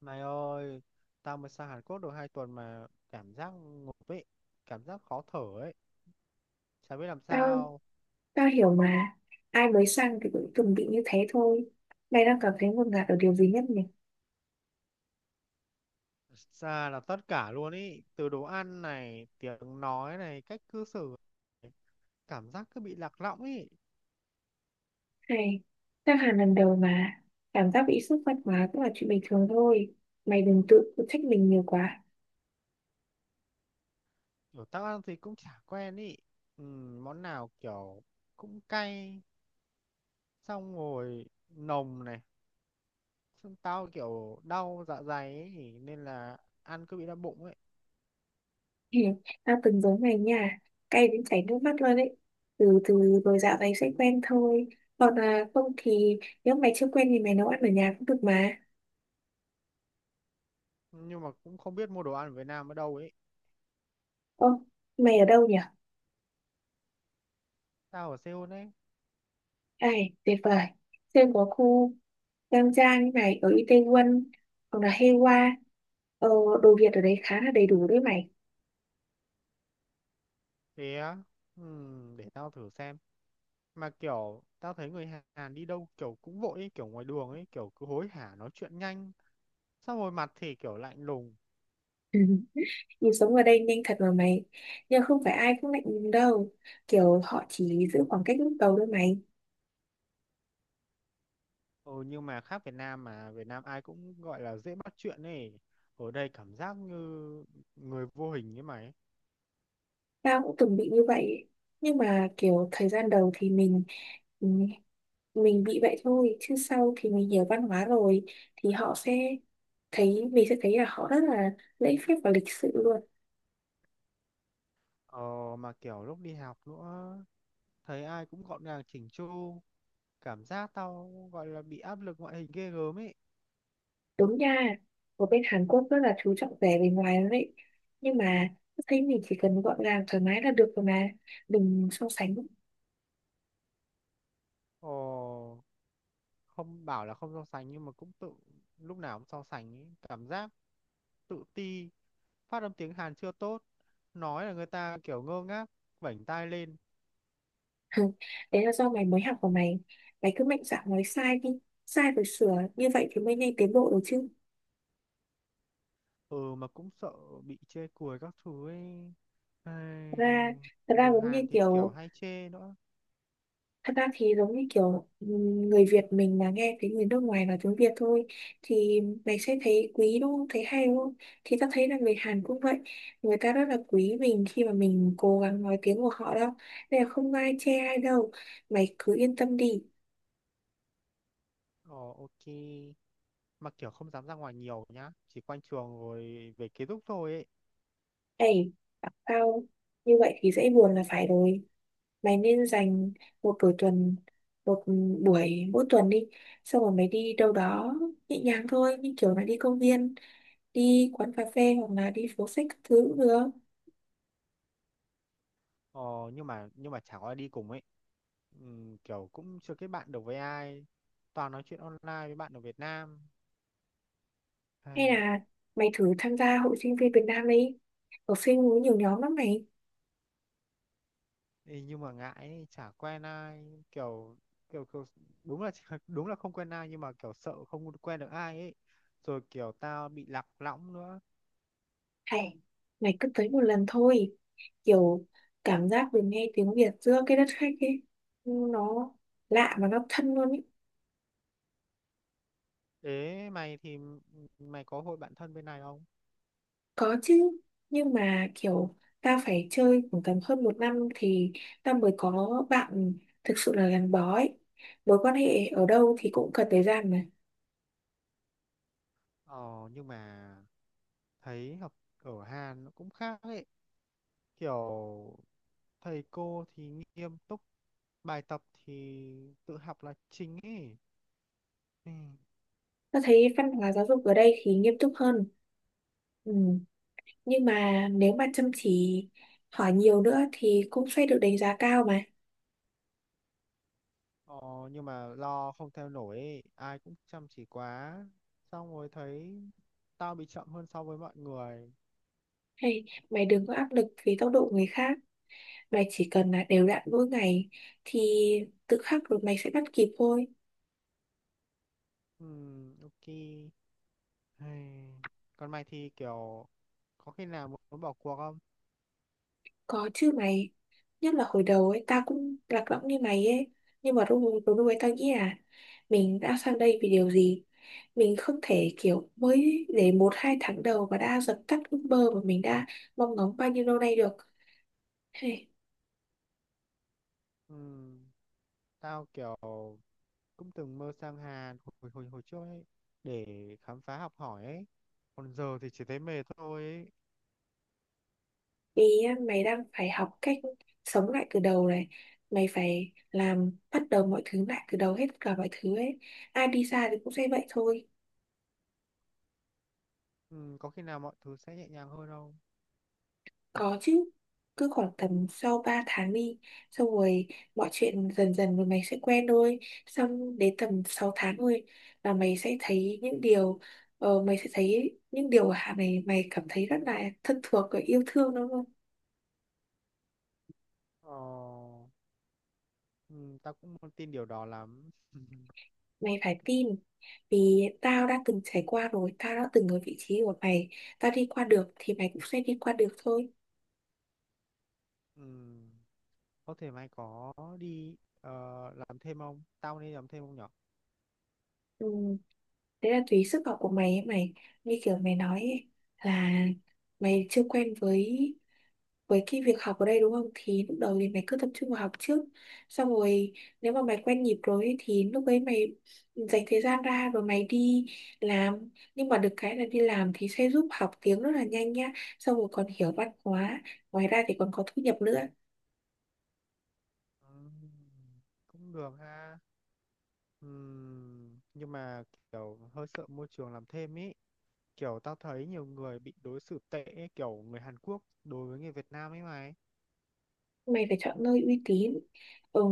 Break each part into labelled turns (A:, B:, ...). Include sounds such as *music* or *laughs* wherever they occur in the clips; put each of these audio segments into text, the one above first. A: Này ơi, tao mới sang Hàn Quốc được 2 tuần mà cảm giác ngộp ấy, cảm giác khó thở ấy, chả biết làm
B: Tao,
A: sao.
B: tao hiểu mà. Ai mới sang thì cũng từng bị như thế thôi. Mày đang cảm thấy ngột ngạt ở điều gì nhất nhỉ?
A: Ra là tất cả luôn ý, từ đồ ăn này, tiếng nói này, cách cư xử này, cảm giác cứ bị lạc lõng ý.
B: Hay tao hẳn lần đầu mà. Cảm giác bị sốc văn hóa cũng là chuyện bình thường thôi. Mày đừng tự trách mình nhiều quá.
A: Kiểu tao ăn thì cũng chả quen ý. Ừ, món nào kiểu cũng cay, xong rồi nồng này, xong tao kiểu đau dạ dày ấy, nên là ăn cứ bị đau bụng ấy.
B: *laughs* Hì, tao từng giống mày nha. Cay đến chảy nước mắt luôn đấy. Từ từ rồi dạo này sẽ quen thôi. Còn là không thì Nếu mày chưa quen thì mày nấu ăn ở nhà cũng được mà.
A: Nhưng mà cũng không biết mua đồ ăn ở Việt Nam ở đâu ấy.
B: Ô, mày ở đâu nhỉ?
A: Tao ở Seoul ấy.
B: Ê, tuyệt vời. Xem có khu Giang trang như này ở Itaewon hoặc là Heiwa. Ờ, đồ Việt ở đấy khá là đầy đủ đấy mày.
A: Thế á? Ừ, để tao thử xem. Mà kiểu tao thấy người Hàn đi đâu kiểu cũng vội ấy, kiểu ngoài đường ấy kiểu cứ hối hả nói chuyện nhanh, xong rồi mặt thì kiểu lạnh lùng.
B: *laughs* Ừ, nhịp sống ở đây nhanh thật mà mày. Nhưng không phải ai cũng lạnh lùng đâu. Kiểu họ chỉ giữ khoảng cách lúc đầu thôi mày.
A: Ừ, nhưng mà khác Việt Nam. Mà Việt Nam ai cũng gọi là dễ bắt chuyện ấy, ở đây cảm giác như người vô hình ấy mày ấy.
B: Tao cũng từng bị như vậy. Nhưng mà kiểu thời gian đầu thì ừm, mình bị vậy thôi. Chứ sau thì mình hiểu văn hóa rồi thì họ sẽ thấy mình sẽ thấy là họ rất là lễ phép và lịch sự luôn.
A: Ờ, mà kiểu lúc đi học nữa, thấy ai cũng gọn gàng chỉnh chu, cảm giác tao gọi là bị áp lực ngoại hình ghê gớm ấy.
B: Đúng nha, ở bên Hàn Quốc rất là chú trọng vẻ bề ngoài lắm đấy. Nhưng mà tôi thấy mình chỉ cần gọn gàng thoải mái là được rồi mà. Đừng so sánh.
A: Ồ, không bảo là không so sánh nhưng mà cũng tự lúc nào cũng so sánh ý. Cảm giác tự ti, phát âm tiếng Hàn chưa tốt, nói là người ta kiểu ngơ ngác vểnh tai lên.
B: *laughs* Đấy là do mày mới học của mày. Mày cứ mạnh dạn nói sai đi. Sai rồi sửa. Như vậy thì mới nhanh tiến bộ được chứ.
A: Ừ, mà cũng sợ bị chê cười các thứ ấy.
B: Thật
A: Ai,
B: ra, thật ra
A: người
B: giống như
A: Hàn thì kiểu
B: kiểu
A: hay chê nữa.
B: Thật ra thì giống như kiểu người Việt mình mà nghe thấy người nước ngoài nói tiếng Việt thôi thì mày sẽ thấy quý đúng không? Thấy hay đúng không? Thì tao thấy là người Hàn cũng vậy. Người ta rất là quý mình khi mà mình cố gắng nói tiếng của họ đâu. Nên là không ai chê ai đâu. Mày cứ yên tâm đi.
A: Ồ, ok. Mà kiểu không dám ra ngoài nhiều nhá, chỉ quanh trường rồi về ký túc thôi ấy.
B: Ê, bảo tao như vậy thì dễ buồn là phải rồi. Mày nên dành một buổi tuần, một buổi mỗi tuần đi. Xong rồi mày đi đâu đó nhẹ nhàng thôi. Như kiểu là đi công viên, đi quán cà phê hoặc là đi phố sách các thứ cũng được.
A: Ờ, nhưng mà chẳng có ai đi cùng ấy. Kiểu cũng chưa kết bạn được với ai, toàn nói chuyện online với bạn ở Việt Nam.
B: Hay
A: Hay.
B: là mày thử tham gia hội sinh viên Việt Nam đi, học sinh có nhiều nhóm lắm mày.
A: Ê, nhưng mà ngại ấy, chả quen ai kiểu, kiểu kiểu đúng là *laughs* đúng là không quen ai, nhưng mà kiểu sợ không quen được ai ấy, rồi kiểu tao bị lạc lõng nữa.
B: Hay mày cứ tới một lần thôi, kiểu cảm giác được nghe tiếng Việt giữa cái đất khách ấy, nó lạ và nó thân luôn ấy.
A: Ế, mày thì mày có hội bạn thân bên này không?
B: Có chứ, nhưng mà kiểu ta phải chơi khoảng tầm hơn một năm thì ta mới có bạn thực sự là gắn bó ấy. Mối quan hệ ở đâu thì cũng cần thời gian mà.
A: Ờ, nhưng mà thấy học ở Hàn nó cũng khác ấy, kiểu thầy cô thì nghiêm túc, bài tập thì tự học là chính ấy. Ừ.
B: Ta thấy văn hóa giáo dục ở đây thì nghiêm túc hơn. Ừ, nhưng mà nếu mà chăm chỉ hỏi nhiều nữa thì cũng sẽ được đánh giá cao mà.
A: Ờ, nhưng mà lo không theo nổi ấy. Ai cũng chăm chỉ quá, xong rồi thấy tao bị chậm hơn so với mọi người.
B: Hay mày đừng có áp lực vì tốc độ người khác, mày chỉ cần là đều đặn mỗi ngày thì tự khắc rồi mày sẽ bắt kịp thôi.
A: Ok. Hay. Còn mày thì kiểu có khi nào muốn bỏ cuộc không?
B: Có chứ mày. Nhất là hồi đầu ấy. Tao cũng lạc lõng như mày ấy. Nhưng mà lúc lúc lúc ấy tao nghĩ là mình đã sang đây vì điều gì. Mình không thể kiểu mới để một hai tháng đầu mà đã dập tắt ước mơ mà mình đã mong ngóng bao nhiêu lâu nay được. Hey,
A: Ừm, Tao kiểu cũng từng mơ sang Hàn hồi hồi hồi trước ấy, để khám phá học hỏi ấy. Còn giờ thì chỉ thấy mệt thôi ấy.
B: vì á, mày đang phải học cách sống lại từ đầu này. Mày phải làm bắt đầu mọi thứ lại từ đầu hết cả mọi thứ ấy. Ai đi xa thì cũng sẽ vậy thôi.
A: Ừ, có khi nào mọi thứ sẽ nhẹ nhàng hơn không?
B: Có chứ, cứ khoảng tầm sau 3 tháng đi, xong rồi mọi chuyện dần dần rồi mày sẽ quen thôi. Xong đến tầm 6 tháng thôi là mày sẽ thấy những điều ở Hạ này mày cảm thấy rất là thân thuộc và yêu thương đúng không?
A: Ờ, ừ, tao cũng không tin điều đó lắm.
B: Mày phải tin, vì tao đã từng trải qua rồi, tao đã từng ở vị trí của mày, tao đi qua được thì mày cũng sẽ đi qua được thôi.
A: Ừ, có thể mày có đi làm thêm không, tao nên làm thêm không nhở?
B: Ừ, đấy là tùy sức học của mày ấy mày, như kiểu mày nói ấy, là mày chưa quen với cái việc học ở đây đúng không, thì lúc đầu thì mày cứ tập trung vào học trước. Xong rồi nếu mà mày quen nhịp rồi ấy, thì lúc ấy mày dành thời gian ra rồi mày đi làm. Nhưng mà được cái là đi làm thì sẽ giúp học tiếng rất là nhanh nhá. Xong rồi còn hiểu văn hóa, ngoài ra thì còn có thu nhập nữa.
A: Ừ, cũng được ha. Ừ, nhưng mà kiểu hơi sợ môi trường làm thêm ý, kiểu tao thấy nhiều người bị đối xử tệ ấy, kiểu người Hàn Quốc đối với người Việt Nam ấy mày.
B: Mày phải chọn nơi uy tín. Ừ,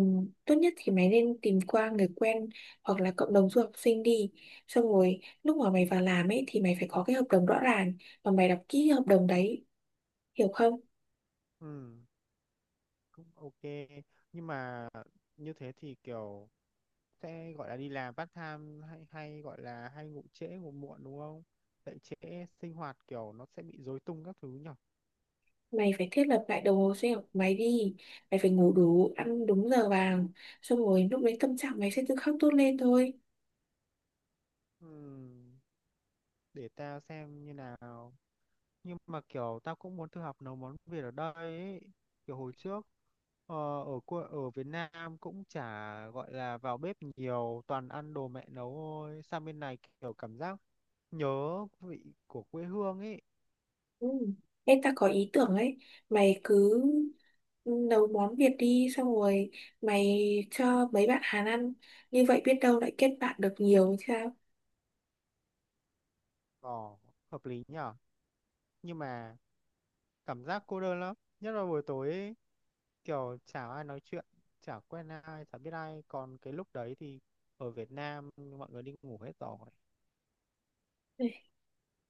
B: tốt nhất thì mày nên tìm qua người quen hoặc là cộng đồng du học sinh đi. Xong rồi lúc mà mày vào làm ấy thì mày phải có cái hợp đồng rõ ràng và mày đọc kỹ hợp đồng đấy, hiểu không.
A: Ừ, cũng ok. Nhưng mà như thế thì kiểu sẽ gọi là đi làm part time hay hay gọi là hay ngủ trễ, ngủ muộn đúng không, dậy trễ sinh hoạt kiểu nó sẽ bị rối tung các thứ nhở?
B: Mày phải thiết lập lại đồng hồ sinh học của mày đi. Mày phải ngủ đủ ăn đúng giờ vàng, xong rồi lúc đấy tâm trạng mày sẽ tự khắc tốt lên thôi.
A: Ừ, để tao xem như nào. Nhưng mà kiểu tao cũng muốn thử học nấu món Việt ở đây ấy. Kiểu hồi trước ờ, ở Việt Nam cũng chả gọi là vào bếp nhiều, toàn ăn đồ mẹ nấu thôi. Sang bên này kiểu cảm giác nhớ vị của quê hương ấy.
B: Ừ. Em ta có ý tưởng ấy. Mày cứ, ừ, nấu món Việt đi, xong rồi mày cho mấy bạn Hàn ăn. Như vậy biết đâu lại kết bạn được nhiều thì sao.
A: Ờ, hợp lý nhở. Nhưng mà cảm giác cô đơn lắm, nhất là buổi tối ấy, kiểu chả ai nói chuyện, chả quen ai, chả biết ai, còn cái lúc đấy thì ở Việt Nam mọi người đi ngủ hết rồi.
B: Ê,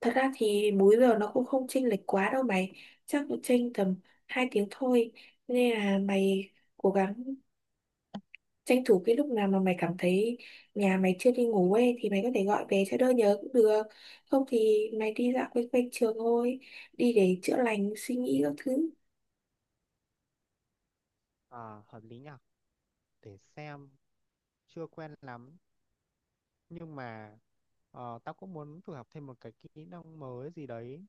B: thật ra thì múi giờ nó cũng không chênh lệch quá đâu mày, chắc cũng chênh tầm 2 tiếng thôi. Nên là mày cố gắng tranh thủ cái lúc nào mà mày cảm thấy nhà mày chưa đi ngủ ấy thì mày có thể gọi về cho đỡ nhớ cũng được. Không thì mày đi dạo quanh quanh trường thôi, đi để chữa lành suy nghĩ các thứ.
A: À, hợp lý nhở. Để xem, chưa quen lắm. Nhưng mà tao cũng muốn thử học thêm một cái kỹ năng mới gì đấy,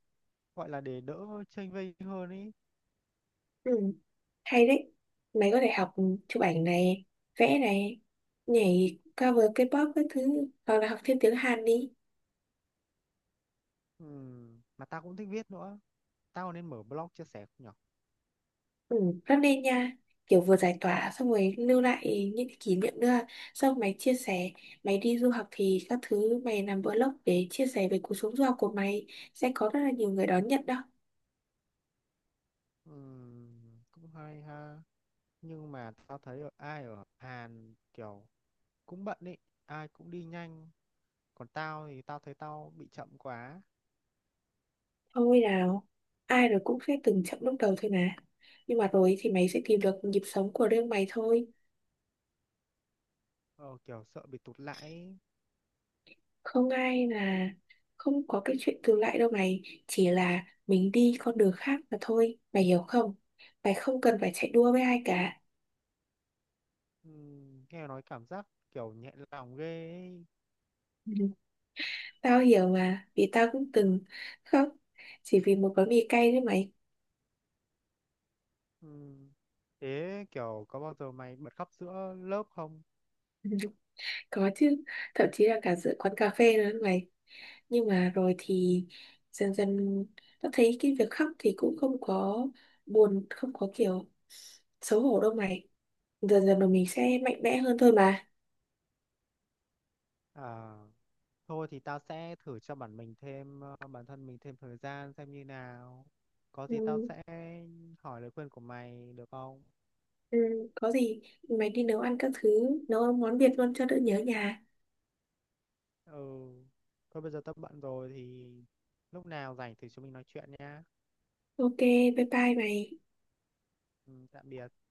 A: gọi là để đỡ chênh vênh hơn ý.
B: Ừ, hay đấy. Mày có thể học chụp ảnh này, vẽ này, nhảy cover K-pop các thứ hoặc là học thêm tiếng Hàn đi.
A: Mà tao cũng thích viết nữa, tao nên mở blog chia sẻ không nhở?
B: Ừ, rất nên nha. Kiểu vừa giải tỏa xong rồi lưu lại những cái kỷ niệm nữa. Xong mày chia sẻ, mày đi du học thì các thứ mày làm vlog để chia sẻ về cuộc sống du học của mày, sẽ có rất là nhiều người đón nhận đó.
A: Cũng hay ha. Nhưng mà tao thấy ở ai ở Hàn kiểu cũng bận ý, ai cũng đi nhanh. Còn tao thì tao thấy tao bị chậm quá.
B: Thôi nào, ai rồi cũng sẽ từng chậm lúc đầu thôi mà. Nhưng mà rồi thì mày sẽ tìm được nhịp sống của riêng mày thôi.
A: Ờ, kiểu sợ bị tụt lại ý.
B: Không ai là không có cái chuyện tương lại đâu mày. Chỉ là mình đi con đường khác mà thôi, mày hiểu không? Mày không cần phải chạy đua với ai cả.
A: Nghe nói cảm giác kiểu nhẹ lòng ghê ý.
B: Tao hiểu mà, vì tao cũng từng khóc chỉ vì một gói mì cay đấy mày.
A: Ừ. Thế kiểu có bao giờ mày bật khóc giữa lớp không?
B: *laughs* Có chứ, thậm chí là cả giữa quán cà phê nữa đấy mày. Nhưng mà rồi thì dần dần tao thấy cái việc khóc thì cũng không có buồn, không có kiểu xấu hổ đâu mày. Dần dần rồi mình sẽ mạnh mẽ hơn thôi mà.
A: À, thôi thì tao sẽ thử cho bản thân mình thêm thời gian xem như nào. Có gì tao
B: Ừ.
A: sẽ hỏi lời khuyên của mày được không?
B: Ừ, có gì mày đi nấu ăn các thứ, nấu món Việt luôn cho đỡ nhớ nhà.
A: Ừ. Thôi bây giờ tao bận rồi thì lúc nào rảnh thì chúng mình nói chuyện nhá.
B: Ok, bye bye mày.
A: Ừ, tạm biệt.